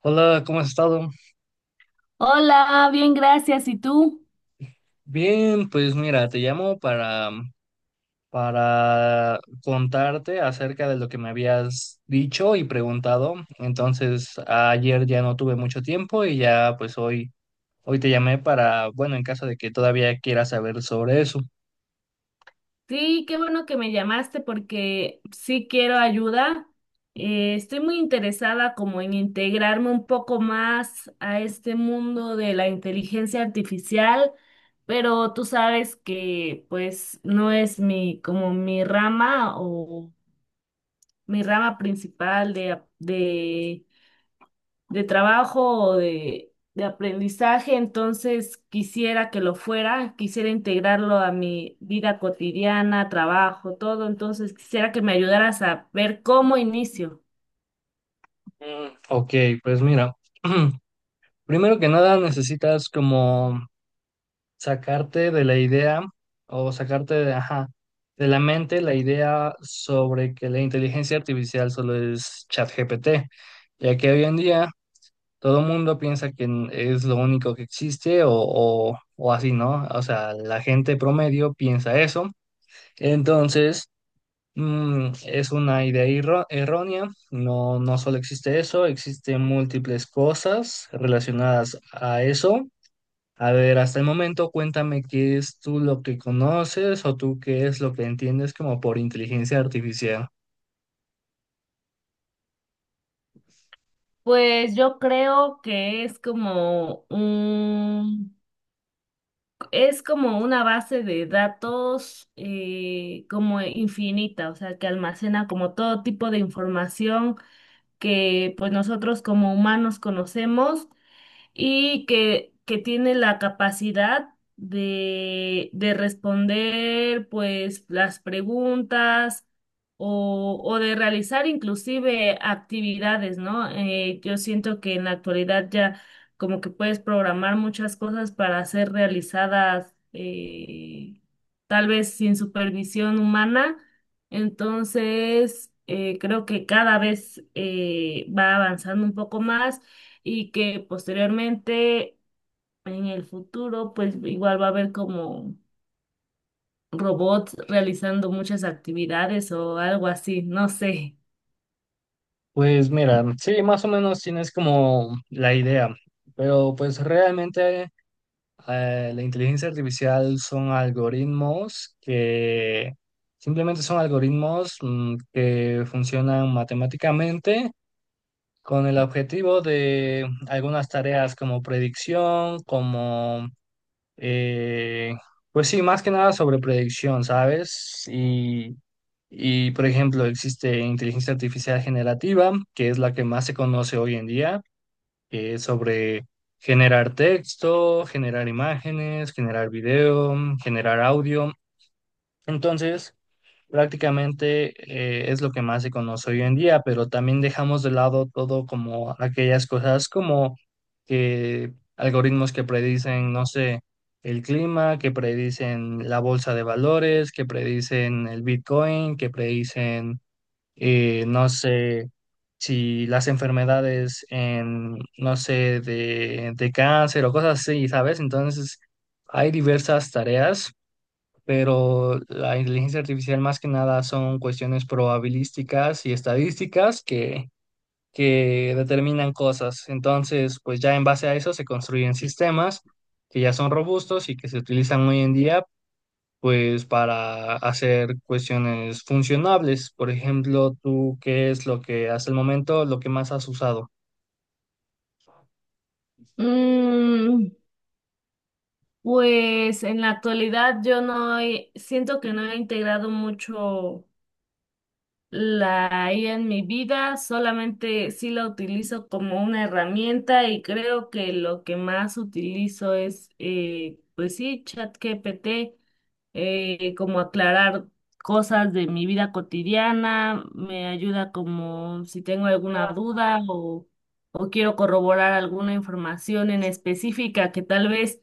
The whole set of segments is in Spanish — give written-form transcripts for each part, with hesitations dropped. Hola, ¿cómo has estado? Hola, bien, gracias. ¿Y tú? Bien, pues mira, te llamo para contarte acerca de lo que me habías dicho y preguntado. Entonces, ayer ya no tuve mucho tiempo y ya pues hoy te llamé para, bueno, en caso de que todavía quieras saber sobre eso. Sí, qué bueno que me llamaste porque sí quiero ayuda. Estoy muy interesada como en integrarme un poco más a este mundo de la inteligencia artificial, pero tú sabes que pues no es mi como mi rama o mi rama principal de, de trabajo o de aprendizaje, entonces quisiera que lo fuera, quisiera integrarlo a mi vida cotidiana, trabajo, todo, entonces quisiera que me ayudaras a ver cómo inicio. Mm, ok, pues mira, primero que nada necesitas como sacarte de la idea o sacarte de, ajá, de la mente la idea sobre que la inteligencia artificial solo es ChatGPT, ya que hoy en día todo el mundo piensa que es lo único que existe o así, ¿no? O sea, la gente promedio piensa eso. Entonces, es una errónea, no, no solo existe eso, existen múltiples cosas relacionadas a eso. A ver, hasta el momento cuéntame qué es tú lo que conoces o tú qué es lo que entiendes como por inteligencia artificial. Pues yo creo que es es como una base de datos como infinita, o sea, que almacena como todo tipo de información que pues nosotros como humanos conocemos y que tiene la capacidad de responder pues las preguntas o de realizar inclusive actividades, ¿no? Yo siento que en la actualidad ya como que puedes programar muchas cosas para ser realizadas tal vez sin supervisión humana. Entonces, creo que cada vez va avanzando un poco más y que posteriormente en el futuro pues igual va a haber como robots realizando muchas actividades o algo así, no sé. Pues mira, sí, más o menos tienes como la idea, pero pues realmente la inteligencia artificial son algoritmos que simplemente son algoritmos que funcionan matemáticamente con el objetivo de algunas tareas como predicción, como Eh, pues sí, más que nada sobre predicción, ¿sabes? Por ejemplo, existe inteligencia artificial generativa, que es la que más se conoce hoy en día, que es sobre generar texto, generar imágenes, generar video, generar audio. Entonces, prácticamente es lo que más se conoce hoy en día, pero también dejamos de lado todo como aquellas cosas como que algoritmos que predicen, no sé, el clima, que predicen la bolsa de valores, que predicen el Bitcoin, que predicen, no sé, si las enfermedades en, no sé, de cáncer o cosas así, ¿sabes? Entonces, hay diversas tareas, pero la inteligencia artificial más que nada son cuestiones probabilísticas y estadísticas que determinan cosas. Entonces, pues ya en base a eso se construyen sistemas que ya son robustos y que se utilizan hoy en día, pues para hacer cuestiones funcionables. Por ejemplo, tú, ¿qué es lo que hasta el momento lo que más has usado? Mm, pues en la actualidad yo no he- siento que no he integrado mucho la IA en mi vida, solamente sí la utilizo como una herramienta y creo que lo que más utilizo es pues sí, ChatGPT, como aclarar cosas de mi vida cotidiana, me ayuda como si tengo alguna duda o quiero corroborar alguna información en específica que tal vez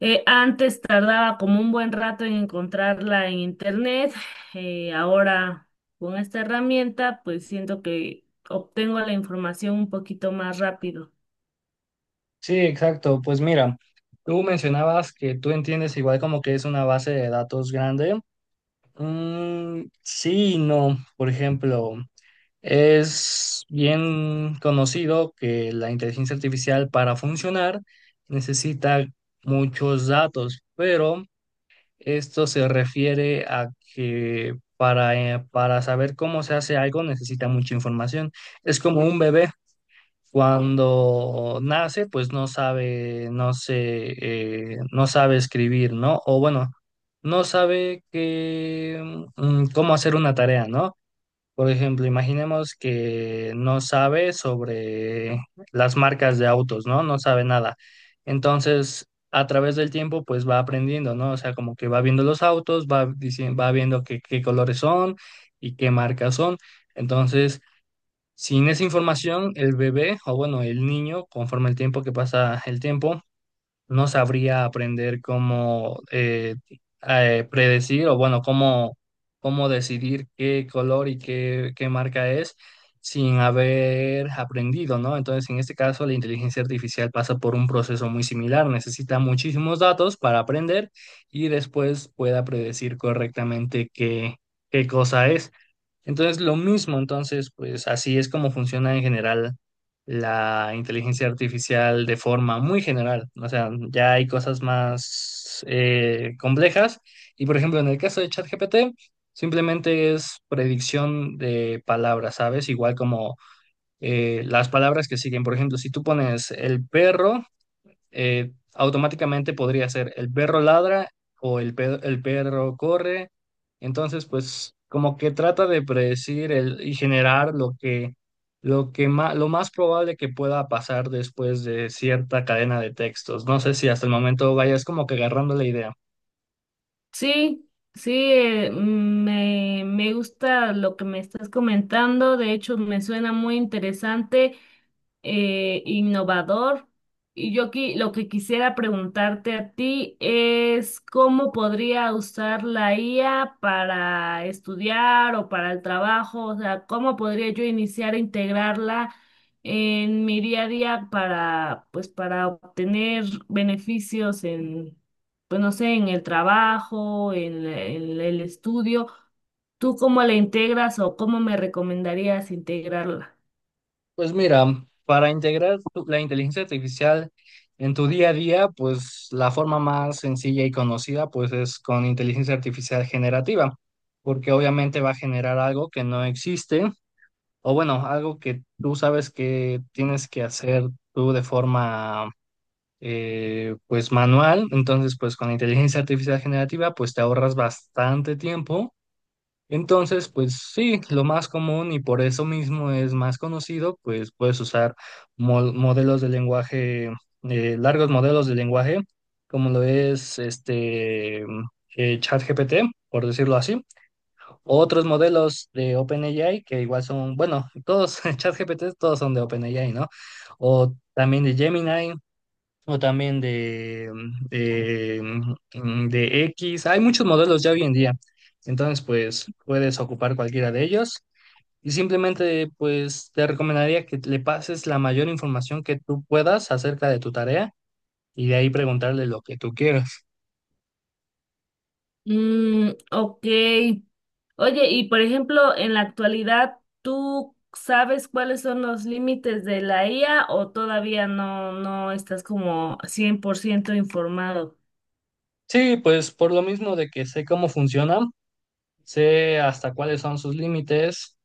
antes tardaba como un buen rato en encontrarla en internet, ahora con esta herramienta pues siento que obtengo la información un poquito más rápido. Sí, exacto. Pues mira. Tú mencionabas que tú entiendes igual como que es una base de datos grande. Mm, sí, y no. Por ejemplo, es bien conocido que la inteligencia artificial para funcionar necesita muchos datos, pero esto se refiere a que para saber cómo se hace algo necesita mucha información. Es como un bebé cuando nace, pues no sabe, no sé, no sabe escribir, ¿no? O bueno, no sabe que, cómo hacer una tarea, ¿no? Por ejemplo, imaginemos que no sabe sobre las marcas de autos, ¿no? No sabe nada. Entonces, a través del tiempo, pues va aprendiendo, ¿no? O sea, como que va viendo los autos, va diciendo, va viendo qué colores son y qué marcas son. Entonces, sin esa información, el bebé, o bueno, el niño, conforme el tiempo que pasa el tiempo, no sabría aprender cómo predecir o bueno, cómo, cómo decidir qué color y qué marca es sin haber aprendido, ¿no? Entonces, en este caso, la inteligencia artificial pasa por un proceso muy similar, necesita muchísimos datos para aprender y después pueda predecir correctamente qué, qué cosa es. Entonces, lo mismo, entonces, pues así es como funciona en general la inteligencia artificial de forma muy general. O sea, ya hay cosas más complejas. Y por ejemplo, en el caso de ChatGPT, simplemente es predicción de palabras, ¿sabes? Igual como las palabras que siguen. Por ejemplo, si tú pones el perro automáticamente podría ser el perro ladra o el perro corre. Entonces, pues como que trata de predecir el, y generar lo que, lo que lo más probable que pueda pasar después de cierta cadena de textos. No sé si hasta el momento vayas como que agarrando la idea. Sí, sí, me gusta lo que me estás comentando, de hecho me suena muy interesante, innovador. Y lo que quisiera preguntarte a ti es cómo podría usar la IA para estudiar o para el trabajo, o sea, cómo podría yo iniciar a integrarla en mi día a día para, pues, para obtener beneficios en, pues, no sé, en el trabajo, en el estudio. ¿Tú cómo la integras o cómo me recomendarías integrarla? Pues mira, para integrar la inteligencia artificial en tu día a día, pues la forma más sencilla y conocida, pues es con inteligencia artificial generativa, porque obviamente va a generar algo que no existe, o bueno, algo que tú sabes que tienes que hacer tú de forma, pues manual. Entonces, pues con inteligencia artificial generativa, pues te ahorras bastante tiempo. Entonces, pues sí, lo más común y por eso mismo es más conocido, pues puedes usar modelos de lenguaje, largos modelos de lenguaje, como lo es este ChatGPT, por decirlo así, otros modelos de OpenAI que igual son, bueno, todos ChatGPT, todos son de OpenAI, ¿no? O también de Gemini, o también de, de X. Hay muchos modelos ya hoy en día. Entonces, pues puedes ocupar cualquiera de ellos. Y simplemente, pues te recomendaría que le pases la mayor información que tú puedas acerca de tu tarea y de ahí preguntarle lo que tú quieras. Mm, ok. Oye, y por ejemplo, en la actualidad, ¿tú sabes cuáles son los límites de la IA o todavía no, no estás como 100% informado? Sí, pues por lo mismo de que sé cómo funcionan, sé hasta cuáles son sus límites,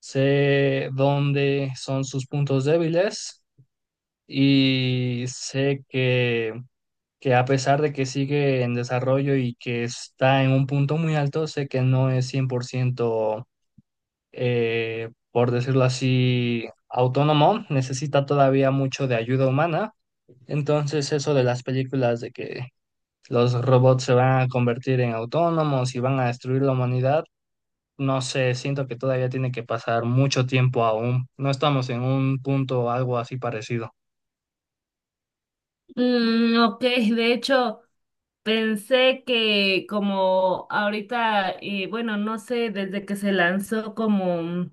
sé dónde son sus puntos débiles y sé que a pesar de que sigue en desarrollo y que está en un punto muy alto, sé que no es 100%, por decirlo así, autónomo, necesita todavía mucho de ayuda humana. Entonces, eso de las películas de que los robots se van a convertir en autónomos y van a destruir la humanidad, no sé, siento que todavía tiene que pasar mucho tiempo aún. No estamos en un punto algo así parecido. Mm, ok, de hecho, pensé que como ahorita, bueno, no sé, desde que se lanzó como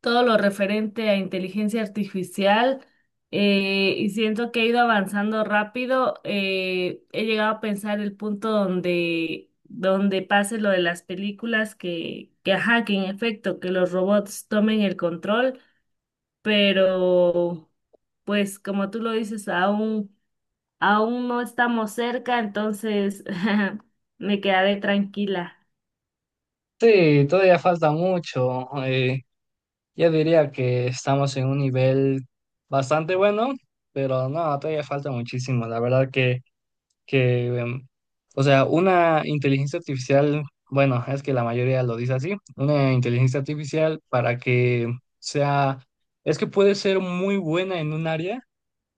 todo lo referente a inteligencia artificial, y siento que he ido avanzando rápido. He llegado a pensar el punto donde, donde pase lo de las películas ajá, que en efecto, que los robots tomen el control, pero pues como tú lo dices, aún, aún no estamos cerca, entonces me quedaré tranquila. Sí, todavía falta mucho. Yo diría que estamos en un nivel bastante bueno, pero no, todavía falta muchísimo. La verdad que o sea, una inteligencia artificial, bueno, es que la mayoría lo dice así, una inteligencia artificial para que sea, es que puede ser muy buena en un área,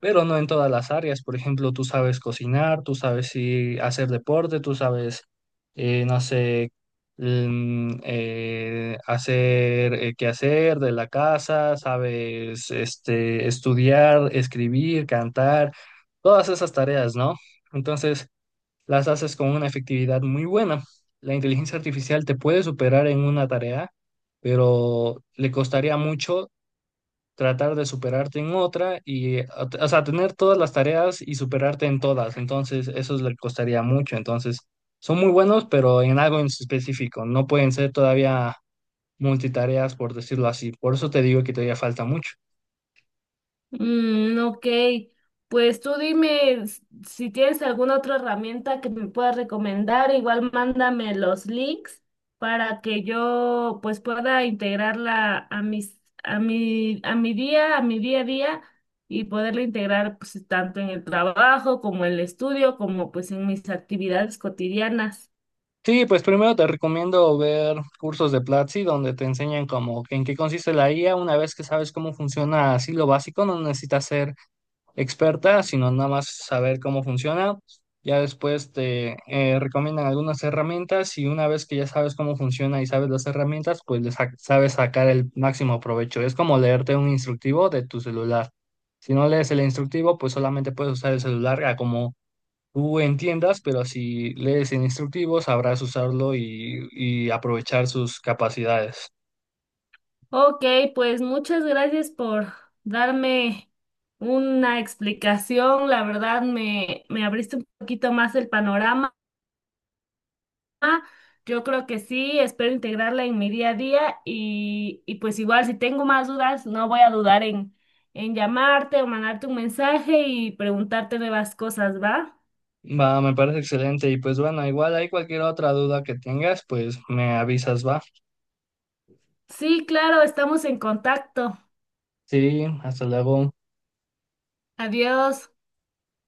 pero no en todas las áreas. Por ejemplo, tú sabes cocinar, tú sabes sí, hacer deporte, tú sabes, no sé, hacer qué hacer de la casa, sabes este, estudiar, escribir, cantar, todas esas tareas, ¿no? Entonces, las haces con una efectividad muy buena. La inteligencia artificial te puede superar en una tarea, pero le costaría mucho tratar de superarte en otra y, o sea, tener todas las tareas y superarte en todas. Entonces, eso le costaría mucho. Entonces, son muy buenos, pero en algo en específico. No pueden ser todavía multitareas, por decirlo así. Por eso te digo que todavía falta mucho. Mm, ok, pues tú dime si tienes alguna otra herramienta que me puedas recomendar, igual mándame los links para que yo pues pueda integrarla a mis, a mi, a mi día a día y poderla integrar pues tanto en el trabajo como en el estudio como pues en mis actividades cotidianas. Sí, pues primero te recomiendo ver cursos de Platzi donde te enseñan como que en qué consiste la IA. Una vez que sabes cómo funciona así lo básico, no necesitas ser experta, sino nada más saber cómo funciona. Ya después te recomiendan algunas herramientas y una vez que ya sabes cómo funciona y sabes las herramientas, pues le sabes sacar el máximo provecho. Es como leerte un instructivo de tu celular. Si no lees el instructivo, pues solamente puedes usar el celular a como tú entiendas, pero si lees el instructivo, sabrás usarlo y aprovechar sus capacidades. Ok, pues muchas gracias por darme una explicación. La verdad me abriste un poquito más el panorama. Yo creo que sí, espero integrarla en mi día a día y pues igual si tengo más dudas, no voy a dudar en llamarte o mandarte un mensaje y preguntarte nuevas cosas, ¿va? Va, me parece excelente. Y pues bueno, igual hay cualquier otra duda que tengas, pues me avisas, va. Sí, claro, estamos en contacto. Sí, hasta luego. Adiós.